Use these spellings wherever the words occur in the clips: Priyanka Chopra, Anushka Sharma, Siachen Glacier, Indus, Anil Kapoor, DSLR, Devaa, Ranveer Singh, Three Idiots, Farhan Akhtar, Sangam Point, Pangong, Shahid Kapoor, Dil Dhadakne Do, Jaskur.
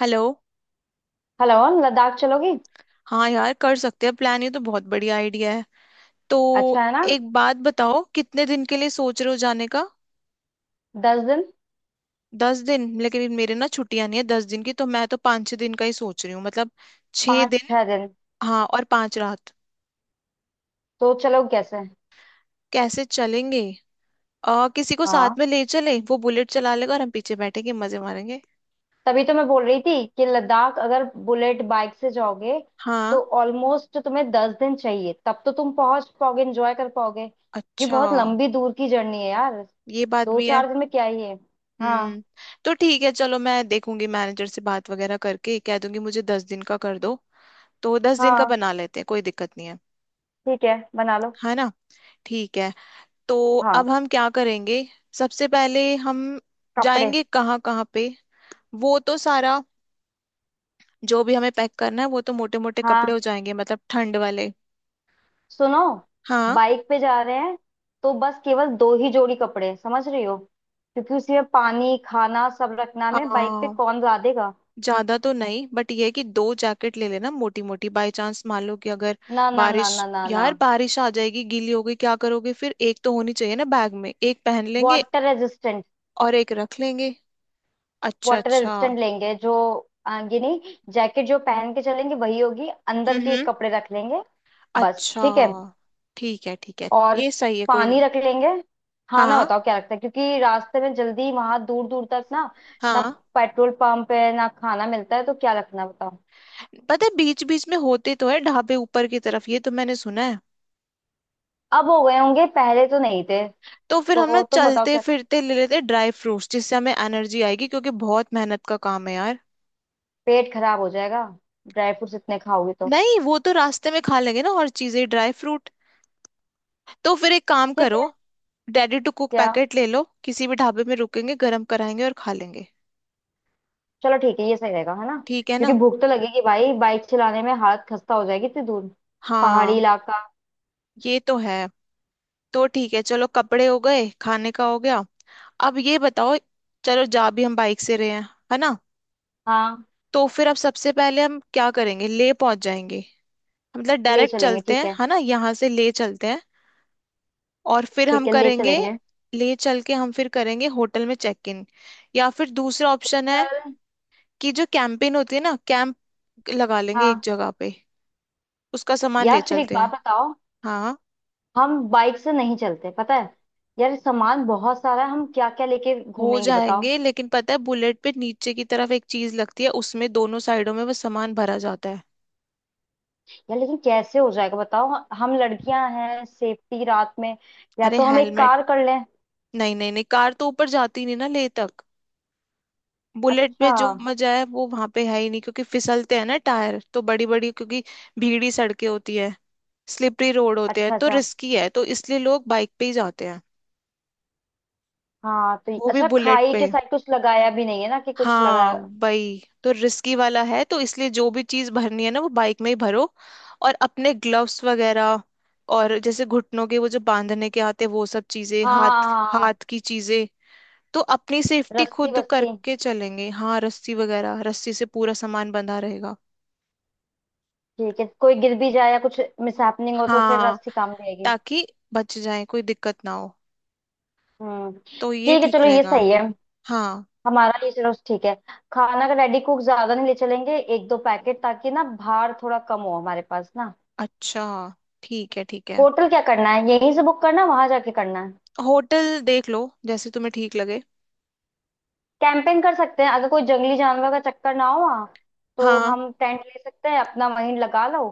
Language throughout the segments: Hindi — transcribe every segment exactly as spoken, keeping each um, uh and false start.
हेलो। हेलो। लद्दाख चलोगी? हाँ यार, कर सकते हैं प्लान। ये तो बहुत बढ़िया आइडिया है। तो अच्छा है ना। एक बात बताओ, कितने दिन के लिए सोच रहे हो जाने का? दस दिन। दस दिन? लेकिन मेरे ना छुट्टियां नहीं है दस दिन की, तो मैं तो पाँच छह दिन का ही सोच रही हूँ मतलब छह पाँच दिन छह दिन हाँ और पांच रात। तो चलो, कैसे? कैसे चलेंगे? आ, किसी को साथ हाँ, में ले चले, वो बुलेट चला लेगा और हम पीछे बैठेंगे मजे मारेंगे। तभी तो मैं बोल रही थी कि लद्दाख अगर बुलेट बाइक से जाओगे हाँ, तो ऑलमोस्ट तुम्हें दस दिन चाहिए, तब तो तुम पहुंच पाओगे, एंजॉय कर पाओगे, क्योंकि अच्छा, बहुत लंबी दूर की जर्नी है यार। ये बात दो भी है। चार दिन में क्या ही है। हाँ। हम्म तो ठीक है, चलो मैं देखूंगी, मैनेजर से बात वगैरह करके कह दूंगी मुझे दस दिन का कर दो, तो दस दिन का हाँ, बना लेते हैं, कोई दिक्कत नहीं है। ठीक है, बना लो। है ना? ठीक है। तो हाँ, अब हम क्या करेंगे सबसे पहले? हम कपड़े। जाएंगे कहाँ कहाँ पे? वो तो सारा जो भी हमें पैक करना है वो तो मोटे मोटे कपड़े हो हाँ, जाएंगे, मतलब ठंड वाले। सुनो, हाँ। बाइक पे जा रहे हैं, तो बस केवल दो ही जोड़ी कपड़े, समझ रही हो? क्योंकि उसमें पानी, खाना सब रखना, में बाइक पे हाँ, कौन ला देगा। ज्यादा तो नहीं, बट ये है कि दो जैकेट ले लेना मोटी मोटी, बाई चांस मान लो कि अगर ना ना ना बारिश। ना ना ना। यार बारिश आ जाएगी, गीली होगी, क्या करोगे फिर? एक तो होनी चाहिए ना बैग में, एक पहन लेंगे वाटर रेजिस्टेंट। और एक रख लेंगे। अच्छा वाटर अच्छा। रेजिस्टेंट लेंगे जो। आ, ये नहीं, जैकेट जो पहन के चलेंगे वही होगी, अंदर के हम्म। कपड़े रख लेंगे। बस अच्छा। ठीक है। ठीक है ठीक है, और ये सही है, कोई। पानी रख लेंगे। खाना हाँ। बताओ क्या रखता है, क्योंकि रास्ते में जल्दी वहां दूर दूर तक ना। ना। हाँ, पेट्रोल पंप है ना, खाना मिलता है, तो क्या रखना है बताओ। पता है, बीच बीच में होते तो है ढाबे ऊपर की तरफ, ये तो मैंने सुना है। अब हो गए होंगे, पहले तो नहीं थे। तो फिर हम ना तो तुम बताओ चलते क्या। फिरते ले लेते ड्राई फ्रूट्स, जिससे हमें एनर्जी आएगी क्योंकि बहुत मेहनत का काम है यार। पेट खराब हो जाएगा, ड्राई फ्रूट्स इतने खाओगे तो। नहीं, वो तो रास्ते में खा लेंगे ना और चीजें, ड्राई फ्रूट। तो फिर एक काम ठीक करो, है। रेडी टू कुक क्या? पैकेट ले लो, किसी भी ढाबे में रुकेंगे गर्म कराएंगे और खा लेंगे। चलो ठीक है, ये सही रहेगा, है ना? ठीक है क्योंकि ना? भूख तो लगेगी भाई, बाइक चलाने में हालत खस्ता हो जाएगी इतनी दूर। पहाड़ी हाँ, इलाका। ये तो है। तो ठीक है, चलो, कपड़े हो गए, खाने का हो गया। अब ये बताओ, चलो जा भी हम बाइक से रहे हैं, है ना? हाँ। तो फिर अब सबसे पहले हम क्या करेंगे? ले पहुंच जाएंगे, मतलब ले डायरेक्ट चलेंगे, चलते ठीक हैं, है। है ना, यहाँ से ले चलते हैं। और फिर हम ठीक है, ले करेंगे, चलेंगे। ले चल के हम फिर करेंगे होटल में चेक इन, या फिर दूसरा ऑप्शन है चल। कि जो कैंपिंग होती है ना, कैंप लगा लेंगे एक हाँ। जगह पे, उसका सामान ले यार फिर एक चलते बात हैं। बताओ, हाँ, हम बाइक से नहीं चलते, पता है। यार सामान बहुत सारा है, हम क्या क्या लेके हो घूमेंगे बताओ। जाएंगे, लेकिन पता है बुलेट पे नीचे की तरफ एक चीज लगती है, उसमें दोनों साइडों में वो सामान भरा जाता है। यार लेकिन कैसे हो जाएगा बताओ? हम लड़कियां हैं, सेफ्टी, रात में। या अरे तो हम एक हेलमेट। कार कर लें। नहीं नहीं नहीं, कार तो ऊपर जाती नहीं ना ले तक। बुलेट अच्छा में जो मजा है वो वहां पे है ही नहीं क्योंकि फिसलते हैं ना टायर, तो बड़ी बड़ी, क्योंकि भीड़ी सड़कें होती है, स्लिपरी रोड होते हैं, अच्छा। तो अच्छा, रिस्की है, तो इसलिए लोग बाइक पे ही जाते हैं। हाँ, तो वो भी अच्छा बुलेट खाई के पे। साइड कुछ लगाया भी नहीं है ना, कि कुछ हाँ, लगाया? वही तो रिस्की वाला है, तो इसलिए जो भी चीज भरनी है ना, वो बाइक में ही भरो। और अपने ग्लव्स वगैरह और जैसे घुटनों के वो जो बांधने के आते हैं, वो सब चीजें, हाँ हाँ हाथ, हाँ हाँ, हाँ। हाथ की चीजें। तो अपनी सेफ्टी रस्सी खुद वस्सी। करके चलेंगे। हाँ रस्सी वगैरह, रस्सी से पूरा सामान बंधा रहेगा। ठीक है, कोई गिर भी जाए या कुछ मिसहैपनिंग हो, तो फिर हाँ, रस्सी काम भी आएगी। ताकि बच जाए, कोई दिक्कत ना हो। हम्म। तो ये ठीक है, ठीक चलो, ये रहेगा। सही है। हाँ। हमारा ये, चलो ठीक है। खाना का रेडी कुक ज्यादा नहीं ले चलेंगे, एक दो पैकेट, ताकि ना भार थोड़ा कम हो हमारे पास ना। अच्छा, ठीक है ठीक है। होटल क्या करना है, यहीं से बुक करना है वहां जाके करना है? होटल देख लो, जैसे तुम्हें ठीक लगे। कैंपिंग कर सकते हैं अगर कोई जंगली जानवर का चक्कर ना हो वहाँ। तो हाँ। हम टेंट ले सकते हैं, अपना वहीं लगा लो।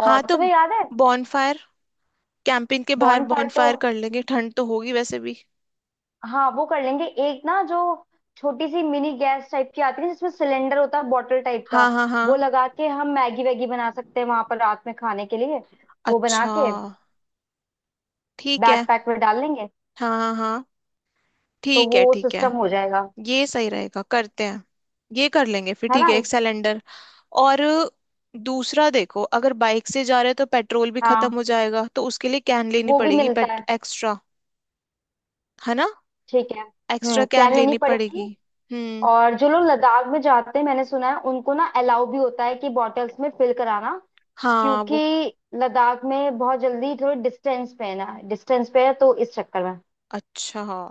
हाँ और तो तुम्हें याद है? बॉनफायर, कैंपिंग के बाहर बॉन्ड फायर तो। बॉनफायर कर लेंगे, ठंड तो होगी वैसे भी। हाँ, वो कर लेंगे। एक ना जो छोटी सी मिनी गैस टाइप की आती है, जिसमें सिलेंडर होता है बॉटल टाइप का, हाँ हाँ वो हाँ। लगा के हम मैगी वैगी बना सकते हैं वहां पर रात में खाने के लिए। वो बना अच्छा, के ठीक बैग है। पैक में डाल लेंगे। हाँ हाँ हाँ। तो ठीक है वो ठीक है, सिस्टम हो जाएगा। ये सही रहेगा, करते हैं। ये कर लेंगे, फिर है ठीक ना। है एक सिलेंडर। और दूसरा देखो, अगर बाइक से जा रहे हैं तो पेट्रोल भी हाँ, खत्म हो जाएगा, तो उसके लिए कैन लेनी वो भी पड़ेगी मिलता पेट है। एक्स्ट्रा। है ना? ठीक है। एक्स्ट्रा हम्म, क्या कैन लेनी लेनी पड़ेगी? पड़ेगी। हम्म। और जो लोग लद्दाख में जाते हैं, मैंने सुना है उनको ना अलाउ भी होता है कि बॉटल्स में फिल कराना, हाँ वो। क्योंकि लद्दाख में बहुत जल्दी, थोड़े डिस्टेंस पे है ना, डिस्टेंस पे है, तो इस चक्कर में अच्छा, हाँ,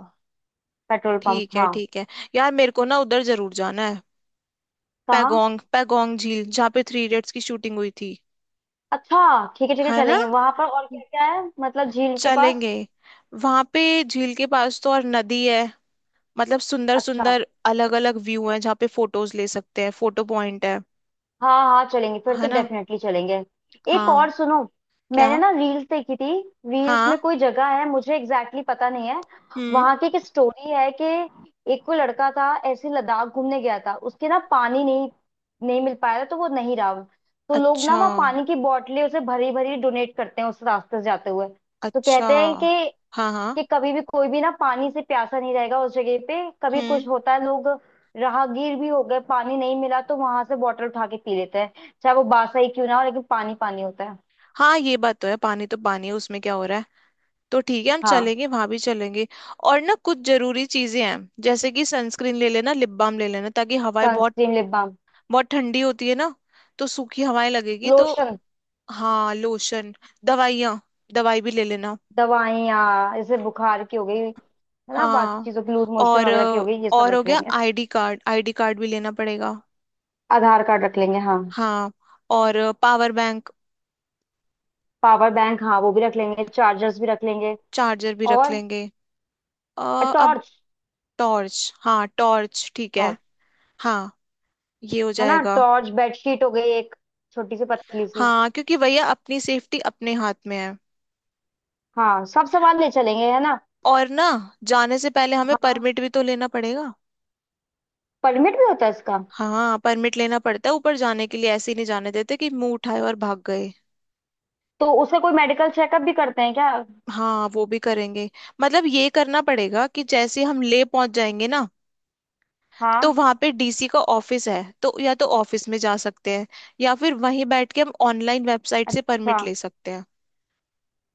पेट्रोल पंप, ठीक है हाँ। ठीक है। यार मेरे को ना उधर जरूर जाना है कहाँ? पैगोंग, पैगोंग झील जहाँ पे थ्री इडियट्स की शूटिंग हुई थी। अच्छा, ठीक है ठीक है, है ना? चलेंगे वहां पर, और क्या क्या है मतलब झील के पास? चलेंगे, वहां पे झील के पास तो और नदी है, मतलब सुंदर अच्छा, सुंदर अलग अलग व्यू हैं जहाँ पे फोटोज ले सकते हैं, फोटो पॉइंट है। हाँ हाँ, चलेंगे फिर, तो है ना? डेफिनेटली चलेंगे। एक हाँ। और सुनो, मैंने क्या? ना रील्स देखी थी। रील्स में हाँ। कोई जगह है, मुझे एग्जैक्टली exactly पता नहीं है, हम्म। वहां की एक स्टोरी है कि एक कोई लड़का था, ऐसे लद्दाख घूमने गया था, उसके ना पानी नहीं, नहीं मिल पाया था तो वो नहीं रहा। तो लोग ना अच्छा वहाँ पानी की बोतलें उसे भरी भरी डोनेट करते हैं उस रास्ते से जाते हुए। तो अच्छा। कहते हैं कि हाँ कि हाँ। कभी भी कोई भी ना पानी से प्यासा नहीं रहेगा उस जगह पे। कभी कुछ हम्म। होता है, लोग राहगीर भी हो गए, पानी नहीं मिला, तो वहां से बॉटल उठा के पी लेते हैं, चाहे वो बासा ही क्यों ना हो, लेकिन पानी पानी होता है। हाँ ये बात तो है, पानी तो पानी है उसमें क्या हो रहा है। तो ठीक है, हम हाँ। चलेंगे, वहां भी चलेंगे। और ना कुछ जरूरी चीजें हैं, जैसे कि सनस्क्रीन ले लेना, लिप बाम ले लेना, ताकि हवाएं बहुत सनस्क्रीन, लिप बाम। बहुत ठंडी होती है ना, तो सूखी हवाएं लगेगी तो। लोशन। हाँ लोशन, दवाइयाँ, दवाई भी ले लेना। दवाइयाँ जैसे बुखार की हो गई है ना, बाकी हाँ चीजों की, लूज मोशन और वगैरह की अ, हो गई, ये सब और हो रख गया लेंगे। I D card, I D card भी लेना पड़ेगा। आधार कार्ड रख लेंगे, हाँ। हाँ और पावर बैंक, पावर बैंक, हाँ, वो भी रख लेंगे, चार्जर्स भी रख लेंगे। चार्जर भी रख और लेंगे। अ, अब टॉर्च। टॉर्च, हाँ टॉर्च ठीक है। टॉर्च। हाँ। ये हो है ना जाएगा। टॉर्च, बेडशीट हो गई एक छोटी सी पतली सी। हाँ, क्योंकि भैया अपनी सेफ्टी अपने हाथ में है। हाँ, सब सामान ले चलेंगे, है ना। और ना जाने से पहले हमें हाँ, परमिट भी तो लेना पड़ेगा। परमिट भी होता है इसका। हाँ, परमिट लेना पड़ता है ऊपर जाने के लिए, ऐसे ही नहीं जाने देते कि मुंह उठाए और भाग गए। तो उसका कोई मेडिकल चेकअप भी करते हैं क्या? हाँ वो भी करेंगे, मतलब ये करना पड़ेगा कि जैसे हम ले पहुंच जाएंगे ना, तो हाँ। वहां पे डी सी का ऑफिस है, तो या तो ऑफिस में जा सकते हैं या फिर वहीं बैठ के हम ऑनलाइन वेबसाइट से अच्छा, परमिट ले सकते हैं।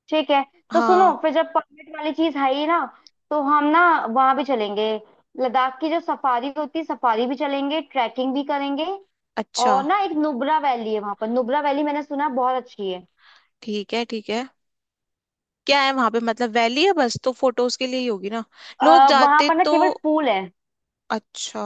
ठीक है। तो सुनो, हाँ। फिर जब परमिट वाली चीज है ही ना, तो हम ना वहां भी चलेंगे, लद्दाख की जो सफारी होती है, सफारी भी चलेंगे, ट्रैकिंग भी करेंगे। अच्छा, और ना एक नुब्रा वैली है वहां पर, नुब्रा वैली मैंने सुना है बहुत अच्छी है। ठीक है ठीक है। क्या है वहां पे, मतलब वैली है बस, तो फोटोज के लिए ही होगी ना, लोग आ, वहां जाते पर ना तो। केवल फूल है अच्छा,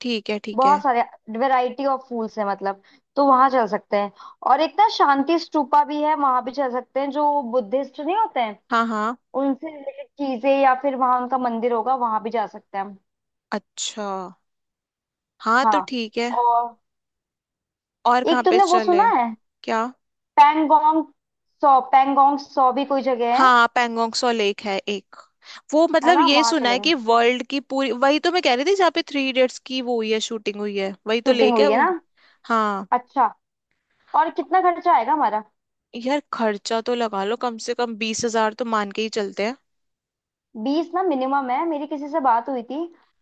ठीक है ठीक है। बहुत सारे, वैरायटी ऑफ फूल्स है मतलब, तो वहां चल सकते हैं। और एक ना शांति स्तूपा भी है, वहां भी चल सकते हैं, जो बुद्धिस्ट नहीं होते हैं हाँ हाँ। उनसे रिलेटेड चीजें, या फिर वहां उनका मंदिर होगा, वहां भी जा सकते हैं हम। अच्छा। हाँ तो हाँ। ठीक है। और और कहाँ एक पे तुमने वो सुना चले? है? क्या? पैंगोंग सौ, पैंगोंग सौ भी कोई जगह है? हाँ पैंगोंगसो लेक है एक, वो है मतलब ना, ये वहां सुना है कि चलेंगे, वर्ल्ड की पूरी, वही तो मैं कह रही थी जहाँ पे थ्री इडियट्स की वो हुई है, शूटिंग हुई है, वही तो शूटिंग लेक है हुई है वो। ना? हाँ। अच्छा। और कितना खर्चा आएगा हमारा? यार खर्चा तो लगा लो कम से कम बीस हजार तो मान के ही चलते हैं। बीस ना मिनिमम है, मेरी किसी से बात हुई थी।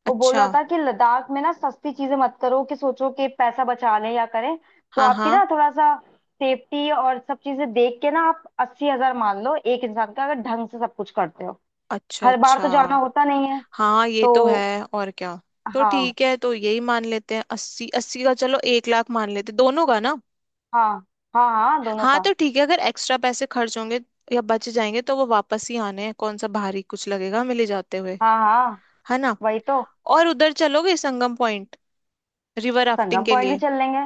वो बोल अच्छा। रहा था कि लद्दाख में ना सस्ती चीजें मत करो, कि सोचो कि पैसा बचा लें या करें, तो हाँ आपकी हाँ। ना थोड़ा सा सेफ्टी और सब चीजें देख के ना, आप अस्सी हज़ार मान लो एक इंसान का, अगर ढंग से सब कुछ करते हो। अच्छा हर बार अच्छा। तो जाना होता नहीं है। हाँ ये तो तो है। और क्या? तो हाँ। ठीक है, तो यही मान लेते हैं अस्सी अस्सी का, चलो एक लाख मान लेते हैं, दोनों का ना। हाँ हाँ हाँ दोनों हाँ का। तो ठीक है, अगर एक्स्ट्रा पैसे खर्च होंगे या बच जाएंगे तो वो वापस ही आने हैं, कौन सा भारी कुछ लगेगा हमें ले जाते हुए। हाँ। हाँ, है ना? वही तो। और उधर चलोगे Sangam point river rafting Sangam के पॉइंट भी लिए? चल लेंगे,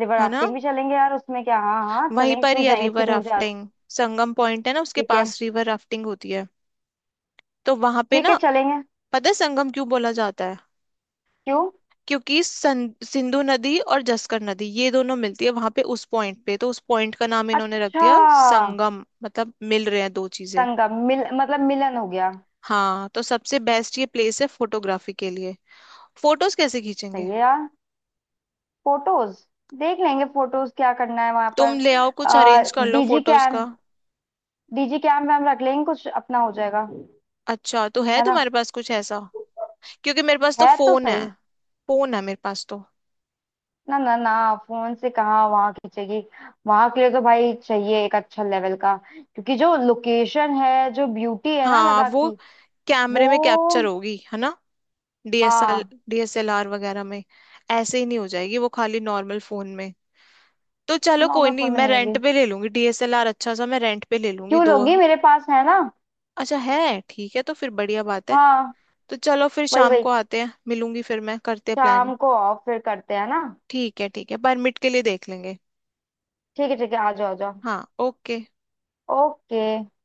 रिवर है ना, राफ्टिंग भी चलेंगे यार, उसमें क्या, हाँ हाँ वहीं चलेंगे, पर ही क्यों है जाएंगे रिवर इतनी दूर जा रहे हैं। राफ्टिंग, संगम पॉइंट है ना उसके ठीक है। पास रिवर राफ्टिंग होती है, तो वहां पे ठीक ना। है, चलेंगे। पता है संगम क्यों बोला जाता है? क्यों? क्योंकि सन- सिंधु नदी और जस्कर नदी ये दोनों मिलती है वहां पे उस पॉइंट पे, तो उस पॉइंट का नाम इन्होंने रख अच्छा, दिया संगम, मतलब मिल रहे हैं दो चीजें। संगम, मिल मतलब मिलन हो गया। हाँ तो सबसे बेस्ट ये प्लेस है फोटोग्राफी के लिए। फोटोज कैसे खींचेंगे? सही है यार। फोटोज, देख लेंगे फोटोज क्या करना है वहां तुम पर। ले आओ, कुछ आ, अरेंज कर लो डीजी फोटोज का। कैम्प। डीजी कैम्प में हम रख लेंगे कुछ, अपना हो जाएगा। अच्छा, तो है है ना। तुम्हारे पास कुछ ऐसा, क्योंकि मेरे पास तो है तो फोन है, सही। फोन है मेरे पास तो। ना ना ना, फोन से कहाँ वहां खींचेगी। वहां के लिए तो भाई चाहिए एक अच्छा लेवल का, क्योंकि जो लोकेशन है, जो ब्यूटी है ना हाँ लद्दाख वो की, कैमरे वो। में कैप्चर होगी, है ना, डीएसएल हाँ। डीएसएलआर वगैरह में, ऐसे ही नहीं हो जाएगी वो खाली नॉर्मल फोन में। तो चलो कोई नॉर्मल नहीं, फोन में मैं नहीं रेंट होगी। पे ले लूंगी डी एस एल आर, अच्छा सा मैं रेंट पे ले लूंगी क्यों दो। लोगी, मेरे पास है ना। अच्छा है। ठीक है, तो फिर बढ़िया बात है। हाँ। तो चलो फिर वही शाम वही। को आते हैं, मिलूंगी, फिर मैं करते हैं प्लान। शाम को ऑफ फिर करते हैं ना। ठीक है ठीक है, परमिट के लिए देख लेंगे। ठीक है ठीक है। आ जाओ आ जाओ। हाँ ओके। ओके।